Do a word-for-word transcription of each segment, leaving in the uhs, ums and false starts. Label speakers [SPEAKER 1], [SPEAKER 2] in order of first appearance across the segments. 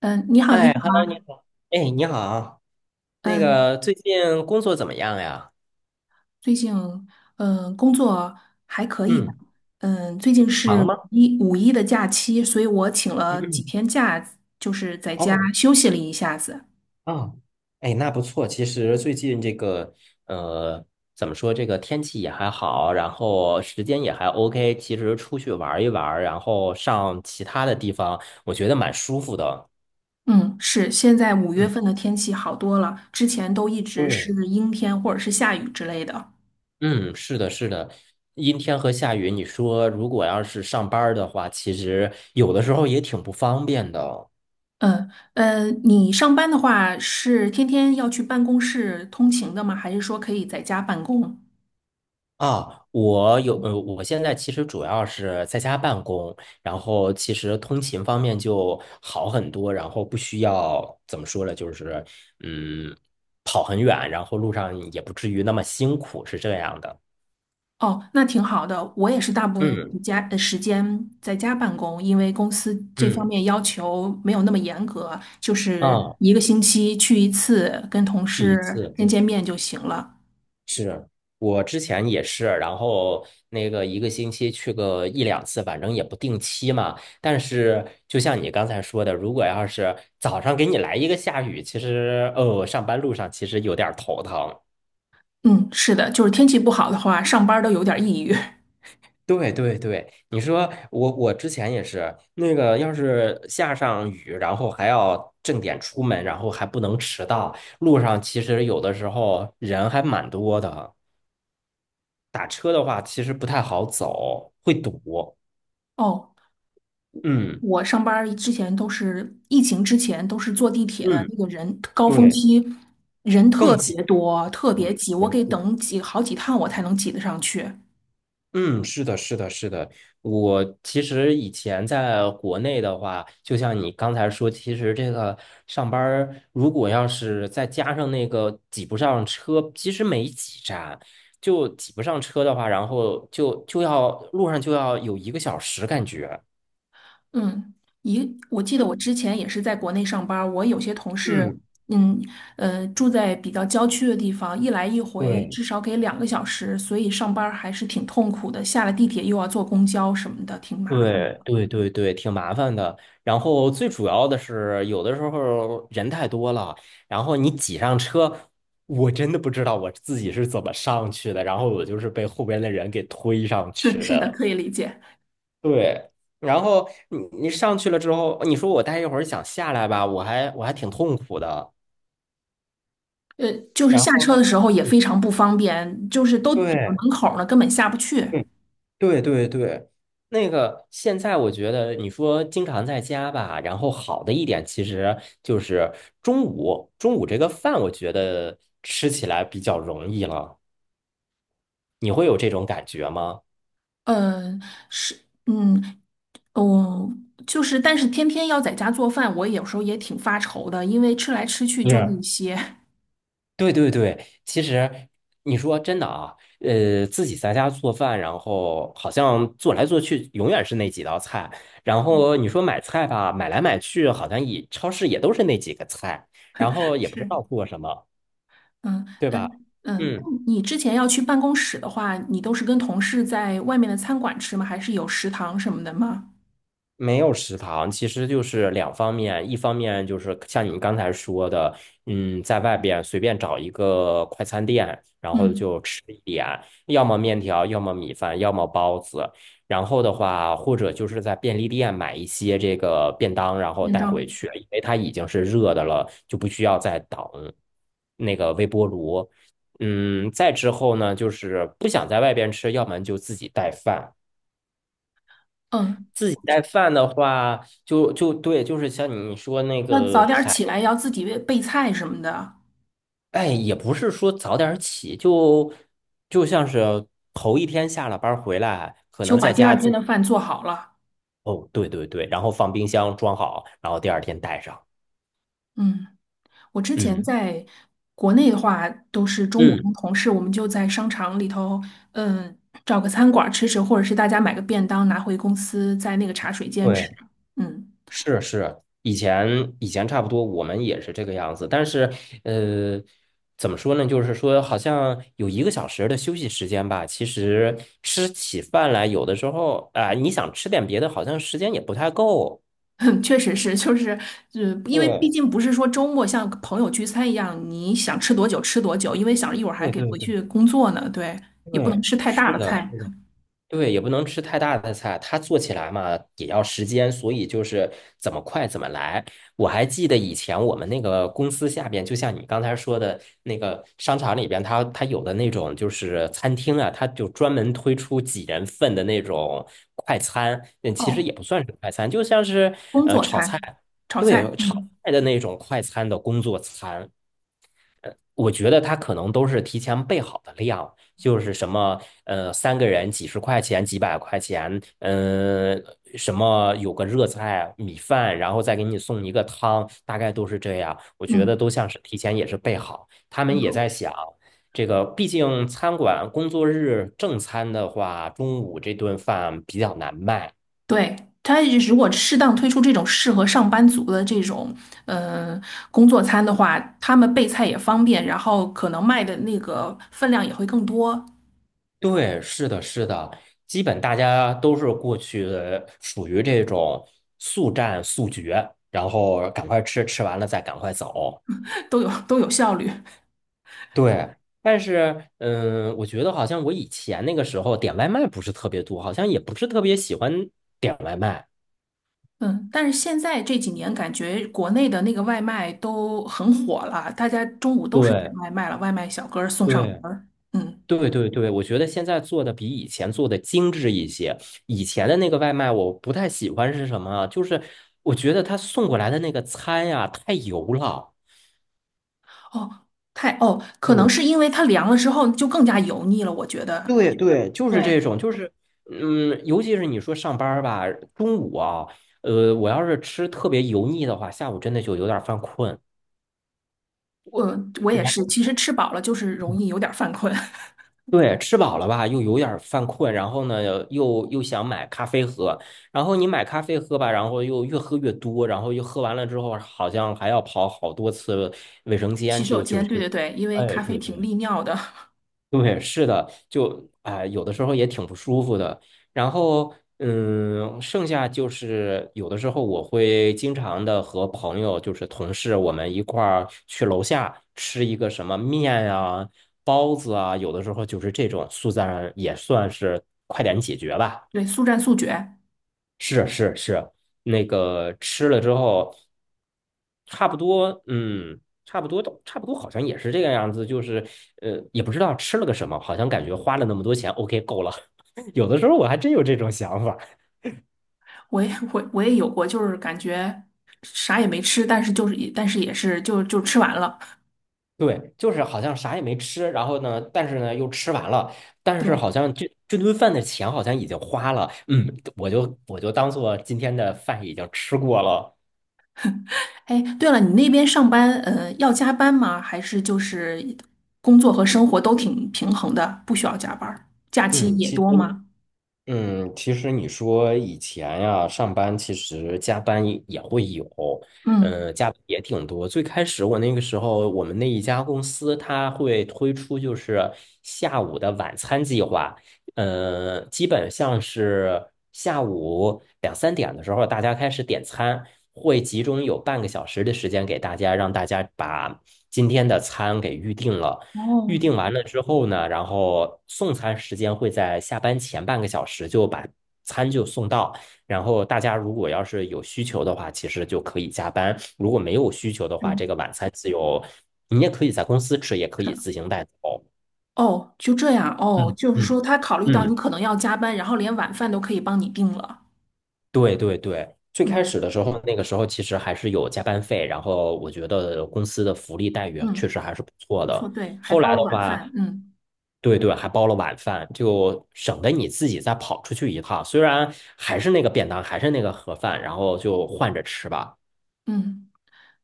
[SPEAKER 1] 嗯，你好，你
[SPEAKER 2] 哎
[SPEAKER 1] 好，
[SPEAKER 2] ，Hello，你好。哎，你好，那
[SPEAKER 1] 嗯，
[SPEAKER 2] 个最近工作怎么样呀？
[SPEAKER 1] 最近嗯工作还可以吧？
[SPEAKER 2] 嗯，
[SPEAKER 1] 嗯，最近是
[SPEAKER 2] 忙
[SPEAKER 1] 五
[SPEAKER 2] 吗？
[SPEAKER 1] 一五一的假期，所以我请
[SPEAKER 2] 嗯
[SPEAKER 1] 了几
[SPEAKER 2] 嗯。
[SPEAKER 1] 天假，就是在家
[SPEAKER 2] 哦，
[SPEAKER 1] 休息了一下子。
[SPEAKER 2] 啊，哎，那不错。其实最近这个，呃，怎么说，这个天气也还好，然后时间也还 OK。其实出去玩一玩，然后上其他的地方，我觉得蛮舒服的。
[SPEAKER 1] 嗯，是，现在五月
[SPEAKER 2] 嗯，
[SPEAKER 1] 份的天气好多了，之前都一直是
[SPEAKER 2] 对。
[SPEAKER 1] 阴天或者是下雨之类的。
[SPEAKER 2] 嗯，是的，是的。阴天和下雨，你说如果要是上班儿的话，其实有的时候也挺不方便的。
[SPEAKER 1] 嗯，呃，你上班的话是天天要去办公室通勤的吗？还是说可以在家办公？
[SPEAKER 2] 啊，我有，呃，我现在其实主要是在家办公，然后其实通勤方面就好很多，然后不需要怎么说呢，就是嗯，跑很远，然后路上也不至于那么辛苦，是这样的。
[SPEAKER 1] 哦，那挺好的。我也是大部分时
[SPEAKER 2] 嗯
[SPEAKER 1] 家呃时间在家办公，因为公司这方
[SPEAKER 2] 嗯，
[SPEAKER 1] 面要求没有那么严格，就是
[SPEAKER 2] 啊，
[SPEAKER 1] 一个星期去一次，跟同
[SPEAKER 2] 去一
[SPEAKER 1] 事
[SPEAKER 2] 次。
[SPEAKER 1] 见见面就行了。
[SPEAKER 2] 是我之前也是，然后那个一个星期去个一两次，反正也不定期嘛。但是就像你刚才说的，如果要是早上给你来一个下雨，其实哦，上班路上其实有点儿头疼。
[SPEAKER 1] 嗯，是的，就是天气不好的话，上班儿都有点儿抑郁。
[SPEAKER 2] 对对对，你说我我之前也是那个，要是下上雨，然后还要正点出门，然后还不能迟到，路上其实有的时候人还蛮多的，打车的话其实不太好走，会堵。
[SPEAKER 1] 哦，
[SPEAKER 2] 嗯。
[SPEAKER 1] 我上班儿之前都是疫情之前都是坐地铁的，
[SPEAKER 2] 嗯，
[SPEAKER 1] 那个人高峰
[SPEAKER 2] 对，
[SPEAKER 1] 期人特
[SPEAKER 2] 更挤。
[SPEAKER 1] 别多，特别
[SPEAKER 2] 嗯，
[SPEAKER 1] 挤，我
[SPEAKER 2] 严
[SPEAKER 1] 给
[SPEAKER 2] 肃
[SPEAKER 1] 等几好几趟我才能挤得上去。
[SPEAKER 2] 嗯，是的，是的，是的。我其实以前在国内的话，就像你刚才说，其实这个上班儿如果要是再加上那个挤不上车，其实没几站，就挤不上车的话，然后就就要路上就要有一个小时，感觉。
[SPEAKER 1] 嗯，一，我记得我之前也是在国内上班儿，我有些同事，
[SPEAKER 2] 嗯，
[SPEAKER 1] 嗯嗯呃，住在比较郊区的地方，一来一回
[SPEAKER 2] 对。
[SPEAKER 1] 至少给两个小时，所以上班儿还是挺痛苦的。下了地铁又要坐公交什么的，挺麻烦。
[SPEAKER 2] 对对对对，挺麻烦的。然后最主要的是，有的时候人太多了，然后你挤上车，我真的不知道我自己是怎么上去的，然后我就是被后边的人给推上
[SPEAKER 1] 对，
[SPEAKER 2] 去
[SPEAKER 1] 是的，
[SPEAKER 2] 的。
[SPEAKER 1] 可以理解。
[SPEAKER 2] 对，然后你你上去了之后，你说我待一会儿想下来吧，我还我还挺痛苦的。
[SPEAKER 1] 呃，就是
[SPEAKER 2] 然
[SPEAKER 1] 下
[SPEAKER 2] 后，
[SPEAKER 1] 车的时候也
[SPEAKER 2] 对，
[SPEAKER 1] 非常不方便，就是都堵到
[SPEAKER 2] 对
[SPEAKER 1] 门口儿了，根本下不去。
[SPEAKER 2] 嗯对对对，那个现在我觉得你说经常在家吧，然后好的一点其实就是中午，中午这个饭我觉得吃起来比较容易了，你会有这种感觉吗？
[SPEAKER 1] 呃，是，嗯，哦，就是，但是天天要在家做饭，我有时候也挺发愁的，因为吃来吃去就
[SPEAKER 2] 是，
[SPEAKER 1] 那些。
[SPEAKER 2] 对对对，其实你说真的啊，呃，自己在家做饭，然后好像做来做去永远是那几道菜，然后你说买菜吧，买来买去好像也超市也都是那几个菜，然后 也不知
[SPEAKER 1] 是。
[SPEAKER 2] 道做什么，
[SPEAKER 1] 嗯
[SPEAKER 2] 对吧？
[SPEAKER 1] 嗯嗯，那
[SPEAKER 2] 嗯。
[SPEAKER 1] 你之前要去办公室的话，你都是跟同事在外面的餐馆吃吗？还是有食堂什么的吗？
[SPEAKER 2] 没有食堂，其实就是两方面，一方面就是像你刚才说的，嗯，在外边随便找一个快餐店，然后
[SPEAKER 1] 嗯，
[SPEAKER 2] 就吃一点，要么面条，要么米饭，要么包子，然后的话，或者就是在便利店买一些这个便当，然后
[SPEAKER 1] 便
[SPEAKER 2] 带回
[SPEAKER 1] 当。
[SPEAKER 2] 去，因为它已经是热的了，就不需要再等那个微波炉。嗯，再之后呢，就是不想在外边吃，要么就自己带饭。
[SPEAKER 1] 嗯，
[SPEAKER 2] 自己带饭的话，就就对，就是像你说那
[SPEAKER 1] 那
[SPEAKER 2] 个
[SPEAKER 1] 早点儿起
[SPEAKER 2] 排，
[SPEAKER 1] 来要自己备备菜什么的，
[SPEAKER 2] 哎，也不是说早点儿起，就就像是头一天下了班儿回来，可
[SPEAKER 1] 就
[SPEAKER 2] 能
[SPEAKER 1] 把
[SPEAKER 2] 在
[SPEAKER 1] 第
[SPEAKER 2] 家
[SPEAKER 1] 二
[SPEAKER 2] 自
[SPEAKER 1] 天
[SPEAKER 2] 己
[SPEAKER 1] 的饭做好了。
[SPEAKER 2] 哦，对对对，然后放冰箱装好，然后第二天带上。
[SPEAKER 1] 嗯，我之前
[SPEAKER 2] 嗯
[SPEAKER 1] 在国内的话，都是中午
[SPEAKER 2] 嗯，
[SPEAKER 1] 跟同事，我们就在商场里头，嗯，找个餐馆儿吃吃，或者是大家买个便当拿回公司，在那个茶水间
[SPEAKER 2] 对。
[SPEAKER 1] 吃。嗯。
[SPEAKER 2] 是是，以前以前差不多，我们也是这个样子。但是，呃，怎么说呢？就是说，好像有一个小时的休息时间吧。其实吃起饭来，有的时候啊、你想吃点别的，好像时间也不太够。
[SPEAKER 1] 确实是，就是，呃，因为毕
[SPEAKER 2] 对
[SPEAKER 1] 竟不是说周末像朋友聚餐一样，你想吃多久吃多久，因为想着一会儿还
[SPEAKER 2] 对
[SPEAKER 1] 给
[SPEAKER 2] 对
[SPEAKER 1] 回
[SPEAKER 2] 对
[SPEAKER 1] 去工作呢，对，也不能
[SPEAKER 2] 对，
[SPEAKER 1] 吃太大
[SPEAKER 2] 是
[SPEAKER 1] 的
[SPEAKER 2] 的，是
[SPEAKER 1] 菜。
[SPEAKER 2] 的。对，也不能吃太大的菜，它做起来嘛也要时间，所以就是怎么快怎么来。我还记得以前我们那个公司下边，就像你刚才说的那个商场里边，它它有的那种就是餐厅啊，它就专门推出几人份的那种快餐，嗯，其实
[SPEAKER 1] 哦，
[SPEAKER 2] 也不算是快餐，就像是
[SPEAKER 1] 工作餐，炒
[SPEAKER 2] 对
[SPEAKER 1] 菜，
[SPEAKER 2] 炒
[SPEAKER 1] 嗯。
[SPEAKER 2] 菜的那种快餐的工作餐。呃，我觉得他可能都是提前备好的量，就是什么，呃，三个人几十块钱、几百块钱，嗯、什么有个热菜、米饭，然后再给你送一个汤，大概都是这样。我觉得
[SPEAKER 1] 嗯，
[SPEAKER 2] 都像是提前也是备好，他们
[SPEAKER 1] 很
[SPEAKER 2] 也
[SPEAKER 1] 好。
[SPEAKER 2] 在想，这个毕竟餐馆工作日正餐的话，中午这顿饭比较难卖，
[SPEAKER 1] 对，他如果适当推出这种适合上班族的这种，呃，工作餐的话，他们备菜也方便，然后可能卖的那个分量也会更多。
[SPEAKER 2] 对，是的，是的，基本大家都是过去属于这种速战速决，然后赶快吃，吃完了再赶快走。
[SPEAKER 1] 都有都有效率。
[SPEAKER 2] 对，但是嗯，我觉得好像我以前那个时候点外卖不是特别多，好像也不是特别喜欢点外卖。
[SPEAKER 1] 嗯，但是现在这几年感觉国内的那个外卖都很火了，大家中午都是点
[SPEAKER 2] 对
[SPEAKER 1] 外卖了，外卖小哥儿送上
[SPEAKER 2] 对
[SPEAKER 1] 门儿。嗯，
[SPEAKER 2] 对对对，我觉得现在做的比以前做的精致一些。以前的那个外卖我不太喜欢是什么啊就是我觉得他送过来的那个餐呀，太油了。
[SPEAKER 1] 哦，太哦，可能是
[SPEAKER 2] 对
[SPEAKER 1] 因为它凉了之后就更加油腻了，我觉得。
[SPEAKER 2] 对对，就是
[SPEAKER 1] 对，
[SPEAKER 2] 这种，就是，嗯，尤其是你说上班儿吧，中午啊，呃，我要是吃特别油腻的话，下午真的就有点儿犯困。
[SPEAKER 1] 我我
[SPEAKER 2] 然
[SPEAKER 1] 也是，
[SPEAKER 2] 后，
[SPEAKER 1] 其实吃饱了就是容易有点儿犯困。
[SPEAKER 2] 对，吃饱了吧，又有点儿犯困，然后呢，又又想买咖啡喝，然后你买咖啡喝吧，然后又越喝越多，然后又喝完了之后，好像还要跑好多次卫生
[SPEAKER 1] 洗
[SPEAKER 2] 间，
[SPEAKER 1] 手
[SPEAKER 2] 就就
[SPEAKER 1] 间，对
[SPEAKER 2] 就，
[SPEAKER 1] 对对，因为
[SPEAKER 2] 哎，
[SPEAKER 1] 咖啡
[SPEAKER 2] 对
[SPEAKER 1] 挺
[SPEAKER 2] 对
[SPEAKER 1] 利尿的，
[SPEAKER 2] 对，是的，就啊、哎有的时候也挺不舒服的。然后，嗯，剩下就是有的时候我会经常的和朋友，就是同事，我们一块儿去楼下吃一个什么面啊、包子啊，有的时候就是这种速战也算是快点解决吧。
[SPEAKER 1] 对，速战速决。
[SPEAKER 2] 是是是，那个吃了之后，差不多，嗯，差不多都差不多，好像也是这个样子，就是呃，也不知道吃了个什么，好像感觉花了那么多钱，OK 够了。有的时候我还真有这种想法，
[SPEAKER 1] 我也我我也有过，就是感觉啥也没吃，但是就是也但是也是就就吃完了。
[SPEAKER 2] 对，就是好像啥也没吃，然后呢，但是呢又吃完了，但是
[SPEAKER 1] 对。
[SPEAKER 2] 好像这这顿饭的钱好像已经花了，嗯，我就我就当做今天的饭已经吃过了，
[SPEAKER 1] 哎，对了，你那边上班，呃，要加班吗？还是就是工作和生活都挺平衡的，不需要加班儿？假期
[SPEAKER 2] 嗯，
[SPEAKER 1] 也
[SPEAKER 2] 其实
[SPEAKER 1] 多吗？
[SPEAKER 2] 嗯，其实你说以前呀，上班其实加班也也会有，
[SPEAKER 1] 嗯，
[SPEAKER 2] 呃，加班也挺多。最开始我那个时候，我们那一家公司它会推出就是下午的晚餐计划，呃，基本像是下午两三点的时候，大家开始点餐，会集中有半个小时的时间给大家，让大家把今天的餐给预定了。
[SPEAKER 1] 哦，
[SPEAKER 2] 预定完了之后呢，然后送餐时间会在下班前半个小时就把餐就送到。然后大家如果要是有需求的话，其实就可以加班；如果没有需求的话，
[SPEAKER 1] 有，
[SPEAKER 2] 这个晚餐自由，你也可以在公司吃，也可
[SPEAKER 1] 是，
[SPEAKER 2] 以自行带走。
[SPEAKER 1] 哦，就这样，哦，
[SPEAKER 2] 嗯
[SPEAKER 1] 就是
[SPEAKER 2] 嗯
[SPEAKER 1] 说他考虑到你
[SPEAKER 2] 嗯。
[SPEAKER 1] 可能要加班，然后连晚饭都可以帮你定了。
[SPEAKER 2] 对对对，最开
[SPEAKER 1] 嗯
[SPEAKER 2] 始的时候，那个时候其实还是有加班费，然后我觉得公司的福利待遇确
[SPEAKER 1] 嗯，
[SPEAKER 2] 实还是不错
[SPEAKER 1] 不错，
[SPEAKER 2] 的。
[SPEAKER 1] 对，还
[SPEAKER 2] 后
[SPEAKER 1] 包
[SPEAKER 2] 来
[SPEAKER 1] 了
[SPEAKER 2] 的
[SPEAKER 1] 晚
[SPEAKER 2] 话，
[SPEAKER 1] 饭。嗯
[SPEAKER 2] 对对，还包了晚饭，就省得你自己再跑出去一趟。虽然还是那个便当，还是那个盒饭，然后就换着吃吧。
[SPEAKER 1] 嗯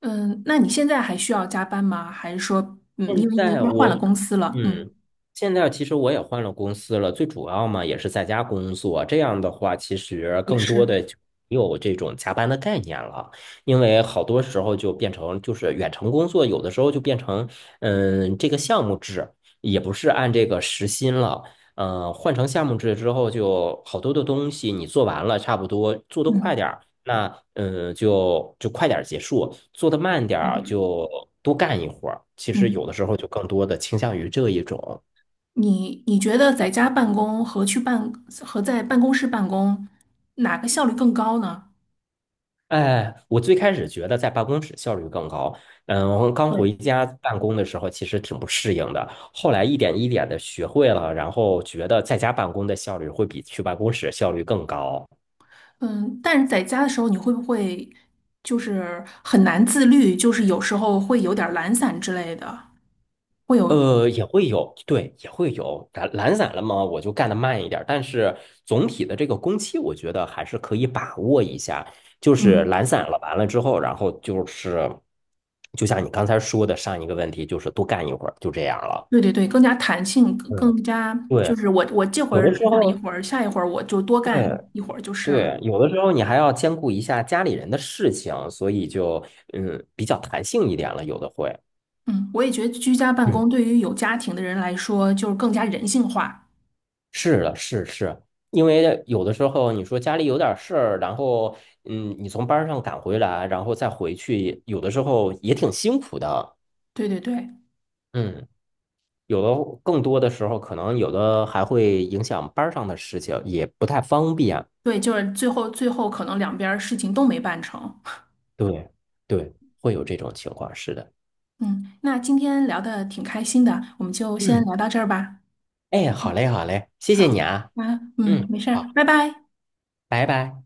[SPEAKER 1] 嗯，那你现在还需要加班吗？还是说，嗯，因
[SPEAKER 2] 现
[SPEAKER 1] 为你应
[SPEAKER 2] 在
[SPEAKER 1] 该换
[SPEAKER 2] 我，
[SPEAKER 1] 了公司了，嗯，
[SPEAKER 2] 嗯，现在其实我也换了公司了，最主要嘛也是在家工作。这样的话，其实
[SPEAKER 1] 也
[SPEAKER 2] 更多
[SPEAKER 1] 是，
[SPEAKER 2] 的就没有这种加班的概念了，因为好多时候就变成就是远程工作，有的时候就变成嗯这个项目制，也不是按这个时薪了。嗯，换成项目制之后，就好多的东西你做完了，差不多做得快
[SPEAKER 1] 嗯，
[SPEAKER 2] 点儿。那嗯，就就快点儿结束，做的慢点
[SPEAKER 1] 那
[SPEAKER 2] 儿
[SPEAKER 1] 对，
[SPEAKER 2] 就多干一会儿。其实有
[SPEAKER 1] 嗯。
[SPEAKER 2] 的时候就更多的倾向于这一种。
[SPEAKER 1] 你你觉得在家办公和去办和在办公室办公，哪个效率更高呢？
[SPEAKER 2] 哎，我最开始觉得在办公室效率更高，嗯，我刚
[SPEAKER 1] 对，
[SPEAKER 2] 回家办公的时候其实挺不适应的，后来一点一点的学会了，然后觉得在家办公的效率会比去办公室效率更高。
[SPEAKER 1] 嗯，但是在家的时候，你会不会就是很难自律，就是有时候会有点儿懒散之类的，会有，
[SPEAKER 2] 呃，也会有，对，也会有懒懒散了嘛，我就干得慢一点儿但是总体的这个工期，我觉得还是可以把握一下。就是
[SPEAKER 1] 嗯，
[SPEAKER 2] 懒散了，完了之后，然后就是，就像你刚才说的上一个问题，就是多干一会儿，就这样了。
[SPEAKER 1] 对对对，更加弹性，更
[SPEAKER 2] 嗯，
[SPEAKER 1] 更加就
[SPEAKER 2] 对，
[SPEAKER 1] 是我我这会
[SPEAKER 2] 有
[SPEAKER 1] 儿
[SPEAKER 2] 的
[SPEAKER 1] 懒
[SPEAKER 2] 时
[SPEAKER 1] 散了一
[SPEAKER 2] 候，
[SPEAKER 1] 会儿，下一会儿我就多干
[SPEAKER 2] 对
[SPEAKER 1] 一会儿就是了。
[SPEAKER 2] 对，有的时候你还要兼顾一下家里人的事情，所以就嗯比较弹性一点了，有的会。
[SPEAKER 1] 嗯，我也觉得居家办
[SPEAKER 2] 嗯。
[SPEAKER 1] 公对于有家庭的人来说，就是更加人性化。
[SPEAKER 2] 是的，是是，因为有的时候你说家里有点事儿，然后嗯，你从班儿上赶回来，然后再回去，有的时候也挺辛苦的。
[SPEAKER 1] 对对对。
[SPEAKER 2] 嗯，有的更多的时候，可能有的还会影响班儿上的事情，也不太方便。
[SPEAKER 1] 对，就是最后最后可能两边儿事情都没办成。
[SPEAKER 2] 对对，会有这种情况，是的。
[SPEAKER 1] 嗯，那今天聊的挺开心的，我们就先
[SPEAKER 2] 嗯，
[SPEAKER 1] 聊到这儿吧。
[SPEAKER 2] 哎，
[SPEAKER 1] 嗯，
[SPEAKER 2] 好嘞，好嘞，谢
[SPEAKER 1] 好，
[SPEAKER 2] 谢你啊。
[SPEAKER 1] 啊，嗯，
[SPEAKER 2] 嗯，
[SPEAKER 1] 没事儿，
[SPEAKER 2] 好，
[SPEAKER 1] 拜拜。
[SPEAKER 2] 拜拜。